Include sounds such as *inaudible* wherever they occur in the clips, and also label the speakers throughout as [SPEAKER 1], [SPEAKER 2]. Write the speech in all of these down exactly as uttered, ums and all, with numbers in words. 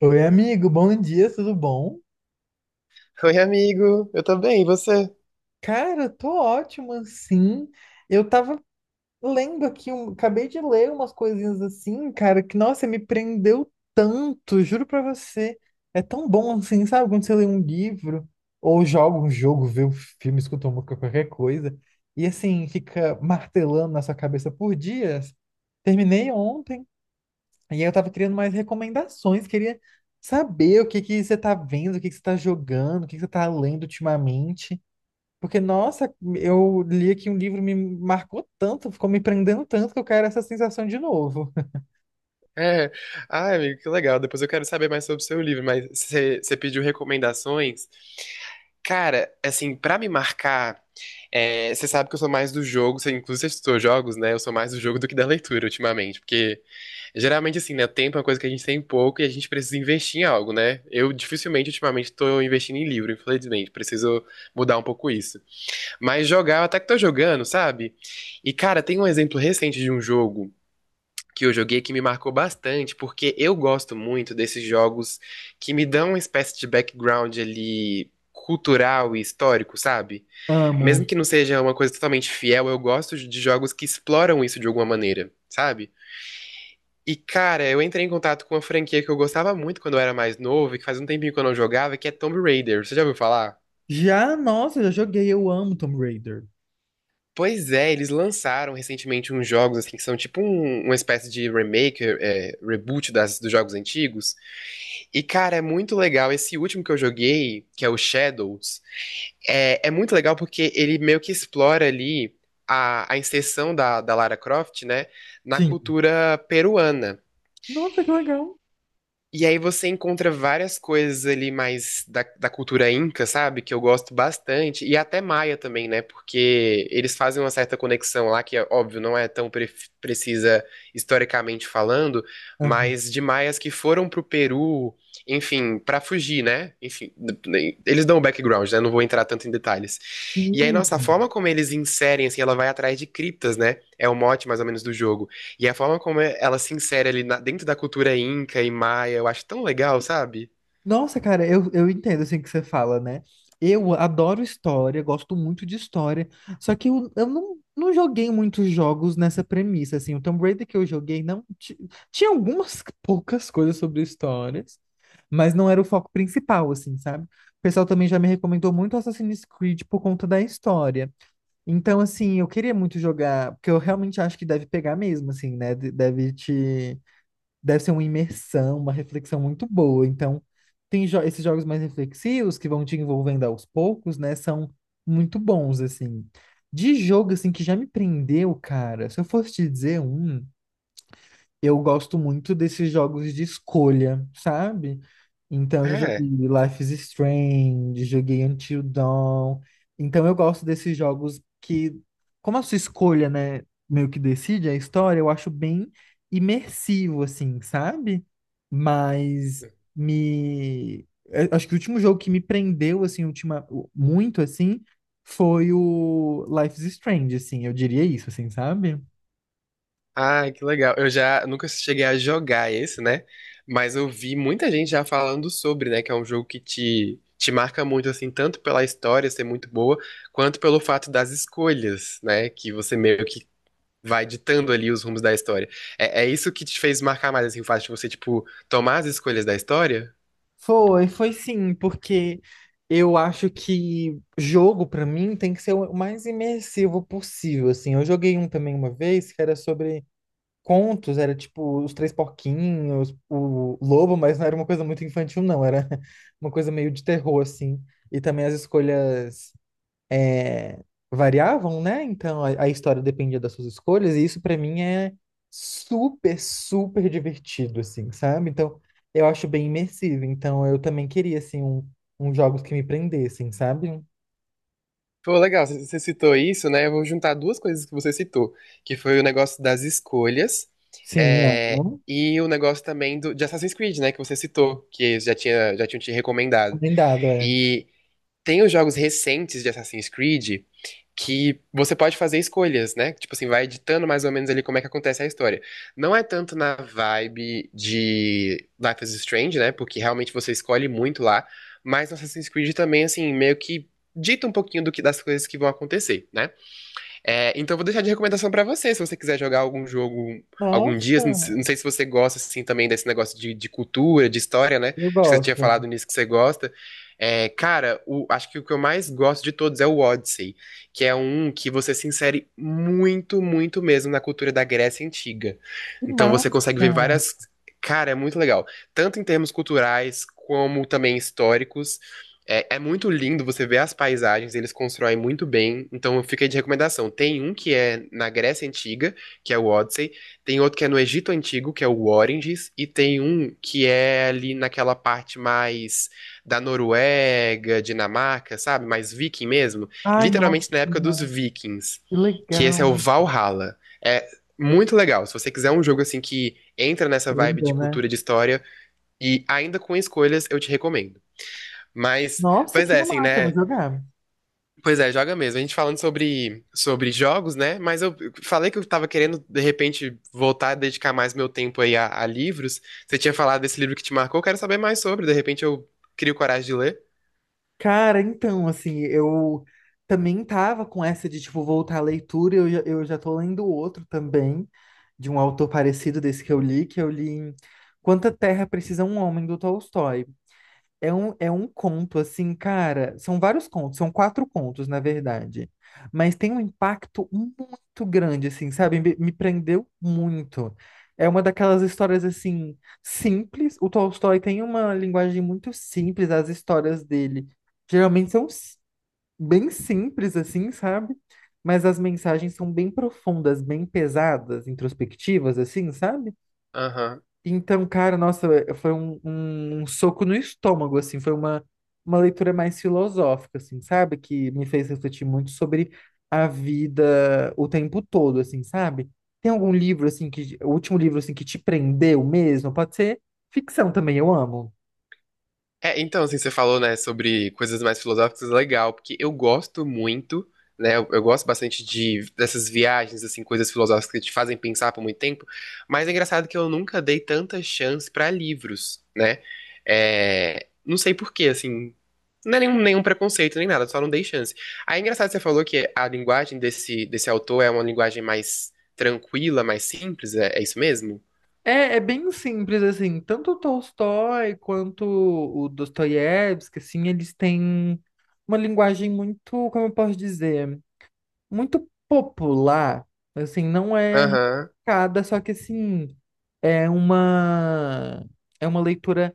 [SPEAKER 1] Oi, amigo, bom dia, tudo bom?
[SPEAKER 2] Oi, amigo, eu tô bem, e você?
[SPEAKER 1] Cara, tô ótimo, assim. Eu tava lendo aqui, um- acabei de ler umas coisinhas assim, cara, que, nossa, me prendeu tanto, juro pra você. É tão bom, assim, sabe, quando você lê um livro, ou joga um jogo, vê um filme, escuta uma música, qualquer coisa, e assim, fica martelando na sua cabeça por dias. Terminei ontem. E aí eu tava querendo mais recomendações, queria saber o que que você tá vendo, o que que você tá jogando, o que que você tá lendo ultimamente. Porque, nossa, eu li aqui um livro, me marcou tanto, ficou me prendendo tanto que eu quero essa sensação de novo. *laughs*
[SPEAKER 2] É. Ai, amigo, que legal. Depois eu quero saber mais sobre o seu livro, mas você você pediu recomendações. Cara, assim, pra me marcar, é, você sabe que eu sou mais do jogo, você, inclusive você estudou jogos, né? Eu sou mais do jogo do que da leitura ultimamente, porque geralmente, assim, né? Tempo é uma coisa que a gente tem pouco e a gente precisa investir em algo, né? Eu dificilmente ultimamente tô investindo em livro, infelizmente, preciso mudar um pouco isso. Mas jogar, eu até que tô jogando, sabe? E, cara, tem um exemplo recente de um jogo que eu joguei que me marcou bastante, porque eu gosto muito desses jogos que me dão uma espécie de background ali cultural e histórico, sabe? Mesmo
[SPEAKER 1] Amo.
[SPEAKER 2] que não seja uma coisa totalmente fiel, eu gosto de jogos que exploram isso de alguma maneira, sabe? E, cara, eu entrei em contato com uma franquia que eu gostava muito quando eu era mais novo e que faz um tempinho que eu não jogava, que é Tomb Raider. Você já ouviu falar?
[SPEAKER 1] Já, nossa, já joguei, eu amo Tomb Raider.
[SPEAKER 2] Pois é, eles lançaram recentemente uns jogos assim que são tipo um- uma espécie de remake, é, reboot das, dos jogos antigos. E, cara, é muito legal. Esse último que eu joguei, que é o Shadows, é, é muito legal porque ele meio que explora ali a, a inserção da, da Lara Croft, né, na
[SPEAKER 1] Sim.
[SPEAKER 2] cultura peruana.
[SPEAKER 1] Nossa, que legal.
[SPEAKER 2] E aí você encontra várias coisas ali mais da, da cultura inca, sabe? Que eu gosto bastante. E até maia também, né? Porque eles fazem uma certa conexão lá, que é óbvio, não é tão pre- precisa historicamente falando,
[SPEAKER 1] Aham.
[SPEAKER 2] mas de maias que foram pro Peru, enfim, pra fugir, né? Enfim, eles dão o background, né? Não vou entrar tanto em detalhes. E aí,
[SPEAKER 1] Sim.
[SPEAKER 2] nossa, a forma como eles inserem, assim, ela vai atrás de criptas, né? É o mote mais ou menos do jogo. E a forma como é- ela se insere ali na- dentro da cultura inca e maia, eu acho tão legal, sabe?
[SPEAKER 1] Nossa, cara, eu, eu entendo assim que você fala, né? Eu adoro história, gosto muito de história, só que eu, eu não, não joguei muitos jogos nessa premissa, assim. O Tomb Raider que eu joguei não ti- tinha algumas *laughs* poucas coisas sobre histórias, mas não era o foco principal, assim, sabe? O pessoal também já me recomendou muito Assassin's Creed por conta da história. Então, assim, eu queria muito jogar, porque eu realmente acho que deve pegar mesmo, assim, né? De- Deve te deve ser uma imersão, uma reflexão muito boa. Então, tem jo- esses jogos mais reflexivos que vão te envolvendo aos poucos, né? São muito bons, assim. De jogo, assim, que já me prendeu, cara. Se eu fosse te dizer um. Eu gosto muito desses jogos de escolha, sabe? Então, eu já joguei
[SPEAKER 2] É.
[SPEAKER 1] Life is Strange, joguei Until Dawn. Então, eu gosto desses jogos que, como a sua escolha, né, meio que decide a história, eu acho bem imersivo, assim, sabe? Mas me... eu acho que o último jogo que me prendeu, assim, ultima... muito, assim, foi o Life is Strange, assim, eu diria isso, assim, sabe?
[SPEAKER 2] Ai, que legal. Eu já nunca cheguei a jogar esse, né? Mas eu vi muita gente já falando sobre, né? Que é um jogo que te, te marca muito, assim, tanto pela história ser muito boa, quanto pelo fato das escolhas, né? Que você meio que vai ditando ali os rumos da história. É, é isso que te fez marcar mais, assim, o fato de você, tipo, tomar as escolhas da história?
[SPEAKER 1] Foi, foi sim, porque eu acho que jogo pra mim tem que ser o mais imersivo possível, assim. Eu joguei um também uma vez que era sobre contos, era tipo os Três Porquinhos, o Lobo, mas não era uma coisa muito infantil, não, era *laughs* uma coisa meio de terror, assim. E também as escolhas é, variavam, né? Então a, a história dependia das suas escolhas, e isso pra mim é super, super divertido, assim, sabe? Então eu acho bem imersivo. Então eu também queria, assim, um, uns jogos que me prendessem, sabe?
[SPEAKER 2] Pô, legal, você você citou isso, né? Eu vou juntar duas coisas que você citou, que foi o negócio das escolhas,
[SPEAKER 1] Sim,
[SPEAKER 2] é,
[SPEAKER 1] amo.
[SPEAKER 2] e o negócio também do, de Assassin's Creed, né? Que você citou, que eles já tinha, já tinham te recomendado.
[SPEAKER 1] Recomendado, é.
[SPEAKER 2] E tem os jogos recentes de Assassin's Creed, que você pode fazer escolhas, né? Tipo assim, vai editando mais ou menos ali como é que acontece a história. Não é tanto na vibe de Life is Strange, né? Porque realmente você escolhe muito lá, mas no Assassin's Creed também, assim, meio que dita um pouquinho do que das coisas que vão acontecer, né? É, então, eu vou deixar de recomendação pra você, se você quiser jogar algum jogo algum dia.
[SPEAKER 1] Nossa,
[SPEAKER 2] Não se- não sei se você gosta, assim, também desse negócio de, de cultura, de história, né?
[SPEAKER 1] eu
[SPEAKER 2] Acho que você tinha
[SPEAKER 1] gosto.
[SPEAKER 2] falado nisso que você gosta. É, cara, o- acho que o que eu mais gosto de todos é o Odyssey, que é um que você se insere muito, muito mesmo na cultura da Grécia Antiga.
[SPEAKER 1] Que
[SPEAKER 2] Então,
[SPEAKER 1] massa!
[SPEAKER 2] você consegue ver várias. Cara, é muito legal. Tanto em termos culturais, como também históricos. É, é muito lindo você ver as paisagens, eles constroem muito bem. Então fica aí de recomendação. Tem um que é na Grécia Antiga, que é o Odyssey. Tem outro que é no Egito Antigo, que é o Oranges. E tem um que é ali naquela parte mais da Noruega, Dinamarca, sabe? Mais viking mesmo.
[SPEAKER 1] Ai, nossa,
[SPEAKER 2] Literalmente na
[SPEAKER 1] que
[SPEAKER 2] época dos
[SPEAKER 1] massa.
[SPEAKER 2] vikings.
[SPEAKER 1] Que
[SPEAKER 2] Que esse é
[SPEAKER 1] legal,
[SPEAKER 2] o
[SPEAKER 1] me
[SPEAKER 2] Valhalla. É muito legal. Se você quiser um jogo assim que entra nessa vibe de
[SPEAKER 1] prenda, né?
[SPEAKER 2] cultura e de história e ainda com escolhas, eu te recomendo. Mas,
[SPEAKER 1] Nossa,
[SPEAKER 2] pois
[SPEAKER 1] que
[SPEAKER 2] é, assim,
[SPEAKER 1] massa, vou
[SPEAKER 2] né?
[SPEAKER 1] jogar.
[SPEAKER 2] Pois é, joga mesmo. A gente falando sobre, sobre jogos, né? Mas eu falei que eu tava querendo, de repente, voltar a dedicar mais meu tempo aí a, a livros. Você tinha falado desse livro que te marcou, eu quero saber mais sobre. De repente eu crio coragem de ler.
[SPEAKER 1] Cara, então, assim, eu também tava com essa de, tipo, voltar à leitura, eu, já- eu já tô lendo outro também, de um autor parecido desse que eu li, que eu li em Quanta Terra Precisa um Homem, do Tolstói. É um, é um conto, assim, cara. São vários contos, são quatro contos, na verdade. Mas tem um impacto muito grande, assim, sabe? Me, me prendeu muito. É uma daquelas histórias, assim, simples. O Tolstói tem uma linguagem muito simples, as histórias dele geralmente são s- bem simples, assim, sabe? Mas as mensagens são bem profundas, bem pesadas, introspectivas, assim, sabe?
[SPEAKER 2] Aham.
[SPEAKER 1] Então, cara, nossa, eh, foi um, um, um soco no estômago, assim, foi uma, uma leitura mais filosófica, assim, sabe? Que me fez refletir muito sobre a vida o tempo todo, assim, sabe? Tem algum livro, assim, que, o último livro, assim, que te prendeu mesmo? Pode ser ficção também, eu amo.
[SPEAKER 2] É, então, assim, você falou, né, sobre coisas mais filosóficas, legal, porque eu gosto muito, né, eu, eu gosto bastante de dessas viagens, assim, coisas filosóficas que te fazem pensar por muito tempo, mas é engraçado que eu nunca dei tanta chance pra livros, né, é, não sei por quê, assim, não é nenhum, nenhum preconceito, nem nada, só não dei chance. Aí é engraçado que você falou que a linguagem desse, desse autor é uma linguagem mais tranquila, mais simples, é, é isso mesmo?
[SPEAKER 1] É, é bem simples, assim, tanto o Tolstói quanto o Dostoiévski, assim, eles têm uma linguagem muito, como eu posso dizer? Muito popular, assim, não é
[SPEAKER 2] Aham.
[SPEAKER 1] cada, só que assim, é uma é uma leitura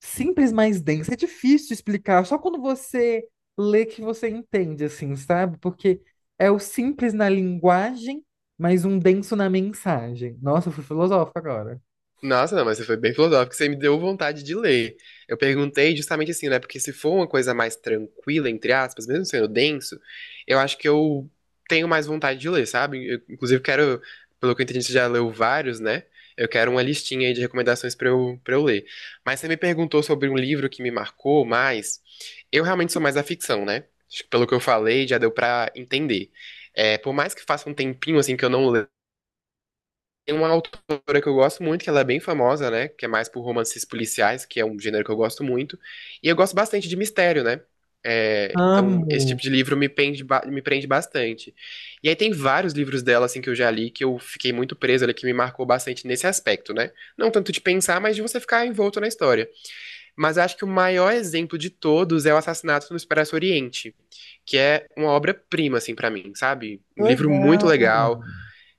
[SPEAKER 1] simples, mas densa. É difícil explicar, só quando você lê que você entende, assim, sabe? Porque é o simples na linguagem, mas um denso na mensagem. Nossa, eu fui filosófico agora.
[SPEAKER 2] Nossa, não, mas você foi bem filosófico, você me deu vontade de ler. Eu perguntei justamente assim, né? Porque se for uma coisa mais tranquila, entre aspas, mesmo sendo denso, eu acho que eu tenho mais vontade de ler, sabe? Eu, inclusive, quero, pelo que eu entendi, você já leu vários, né? Eu quero uma listinha aí de recomendações pra eu, pra eu ler. Mas você me perguntou sobre um livro que me marcou mais. Eu realmente sou mais da ficção, né? Acho que pelo que eu falei, já deu pra entender. É, por mais que faça um tempinho assim que eu não, tem uma autora que eu gosto muito, que ela é bem famosa, né? Que é mais por romances policiais, que é um gênero que eu gosto muito. E eu gosto bastante de mistério, né? É, então, esse tipo
[SPEAKER 1] Amo.
[SPEAKER 2] de livro me prende, ba- me prende bastante. E aí tem vários livros dela, assim, que eu já li, que eu fiquei muito preso ali, que me marcou bastante nesse aspecto, né? Não tanto de pensar, mas de você ficar envolto na história. Mas eu acho que o maior exemplo de todos é O Assassinato no Expresso Oriente, que é uma obra-prima, assim, pra mim, sabe? Um livro muito
[SPEAKER 1] Legal.
[SPEAKER 2] legal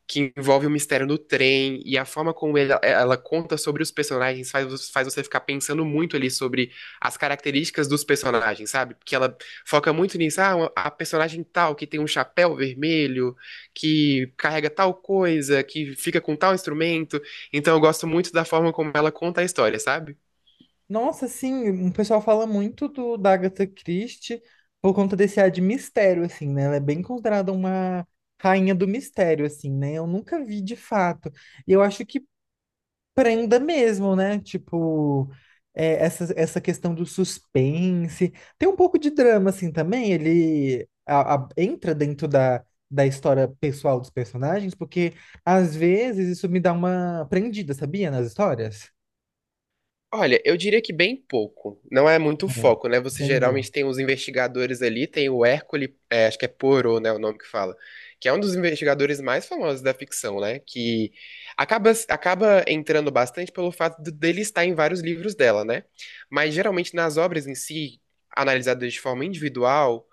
[SPEAKER 2] que envolve o mistério do trem e a forma como ele- ela conta sobre os personagens faz, faz você ficar pensando muito ali sobre as características dos personagens, sabe? Porque ela foca muito nisso. Ah, uma- a personagem tal que tem um chapéu vermelho, que carrega tal coisa, que fica com tal instrumento. Então eu gosto muito da forma como ela conta a história, sabe?
[SPEAKER 1] Nossa, sim, o pessoal fala muito do, da Agatha Christie por conta desse ar de mistério, assim, né? Ela é bem considerada uma rainha do mistério, assim, né? Eu nunca vi de fato. E eu acho que prenda mesmo, né? Tipo, é, essa, essa questão do suspense. Tem um pouco de drama, assim, também. Ele a- a- entra dentro da, da história pessoal dos personagens, porque às vezes isso me dá uma prendida, sabia? Nas histórias.
[SPEAKER 2] Olha, eu diria que bem pouco. Não é muito
[SPEAKER 1] É,
[SPEAKER 2] foco, né? Você
[SPEAKER 1] entendi.
[SPEAKER 2] geralmente tem os investigadores ali, tem o Hércules, é, acho que é Poirot, né, o nome que fala, que é um dos investigadores mais famosos da ficção, né? Que acaba, acaba entrando bastante pelo fato de- dele estar em vários livros dela, né? Mas geralmente nas obras em si, analisadas de forma individual,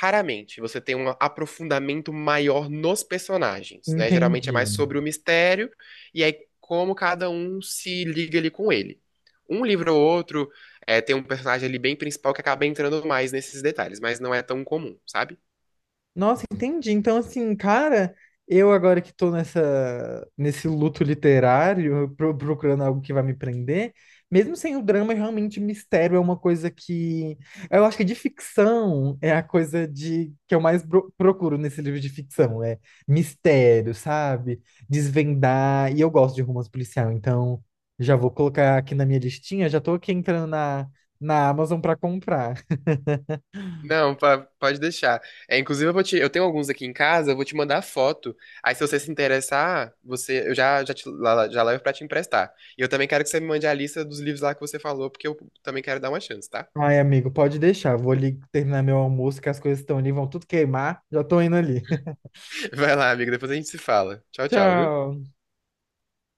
[SPEAKER 2] raramente você tem um aprofundamento maior nos personagens, né? Geralmente é mais
[SPEAKER 1] Entendi.
[SPEAKER 2] sobre o mistério e aí como cada um se liga ali com ele. Um livro ou outro é, tem um personagem ali bem principal que acaba entrando mais nesses detalhes, mas não é tão comum, sabe?
[SPEAKER 1] Nossa, entendi. Então, assim, cara, eu agora que tô nessa, nesse luto literário, pro- procurando algo que vai me prender, mesmo sem o drama, realmente mistério é uma coisa que. Eu acho que de ficção é a coisa de que eu mais pro- procuro nesse livro de ficção. É mistério, sabe? Desvendar. E eu gosto de romance policial, então já vou colocar aqui na minha listinha, já tô aqui entrando na, na Amazon pra comprar.
[SPEAKER 2] Não, pa- pode deixar. É, inclusive, eu vou te- eu tenho alguns aqui em casa, eu vou te mandar foto. Aí, se você se interessar, você, eu já, já, te- lá- lá- já levo pra te emprestar. E eu também quero que você me mande a lista dos livros lá que você falou, porque eu também quero dar uma chance, tá?
[SPEAKER 1] Ai, amigo, pode deixar. Vou ali terminar meu almoço, que as coisas estão ali, vão tudo queimar. Já tô indo ali. *laughs*
[SPEAKER 2] Vai lá, amigo, depois a gente se fala. Tchau, tchau, viu?
[SPEAKER 1] Tchau.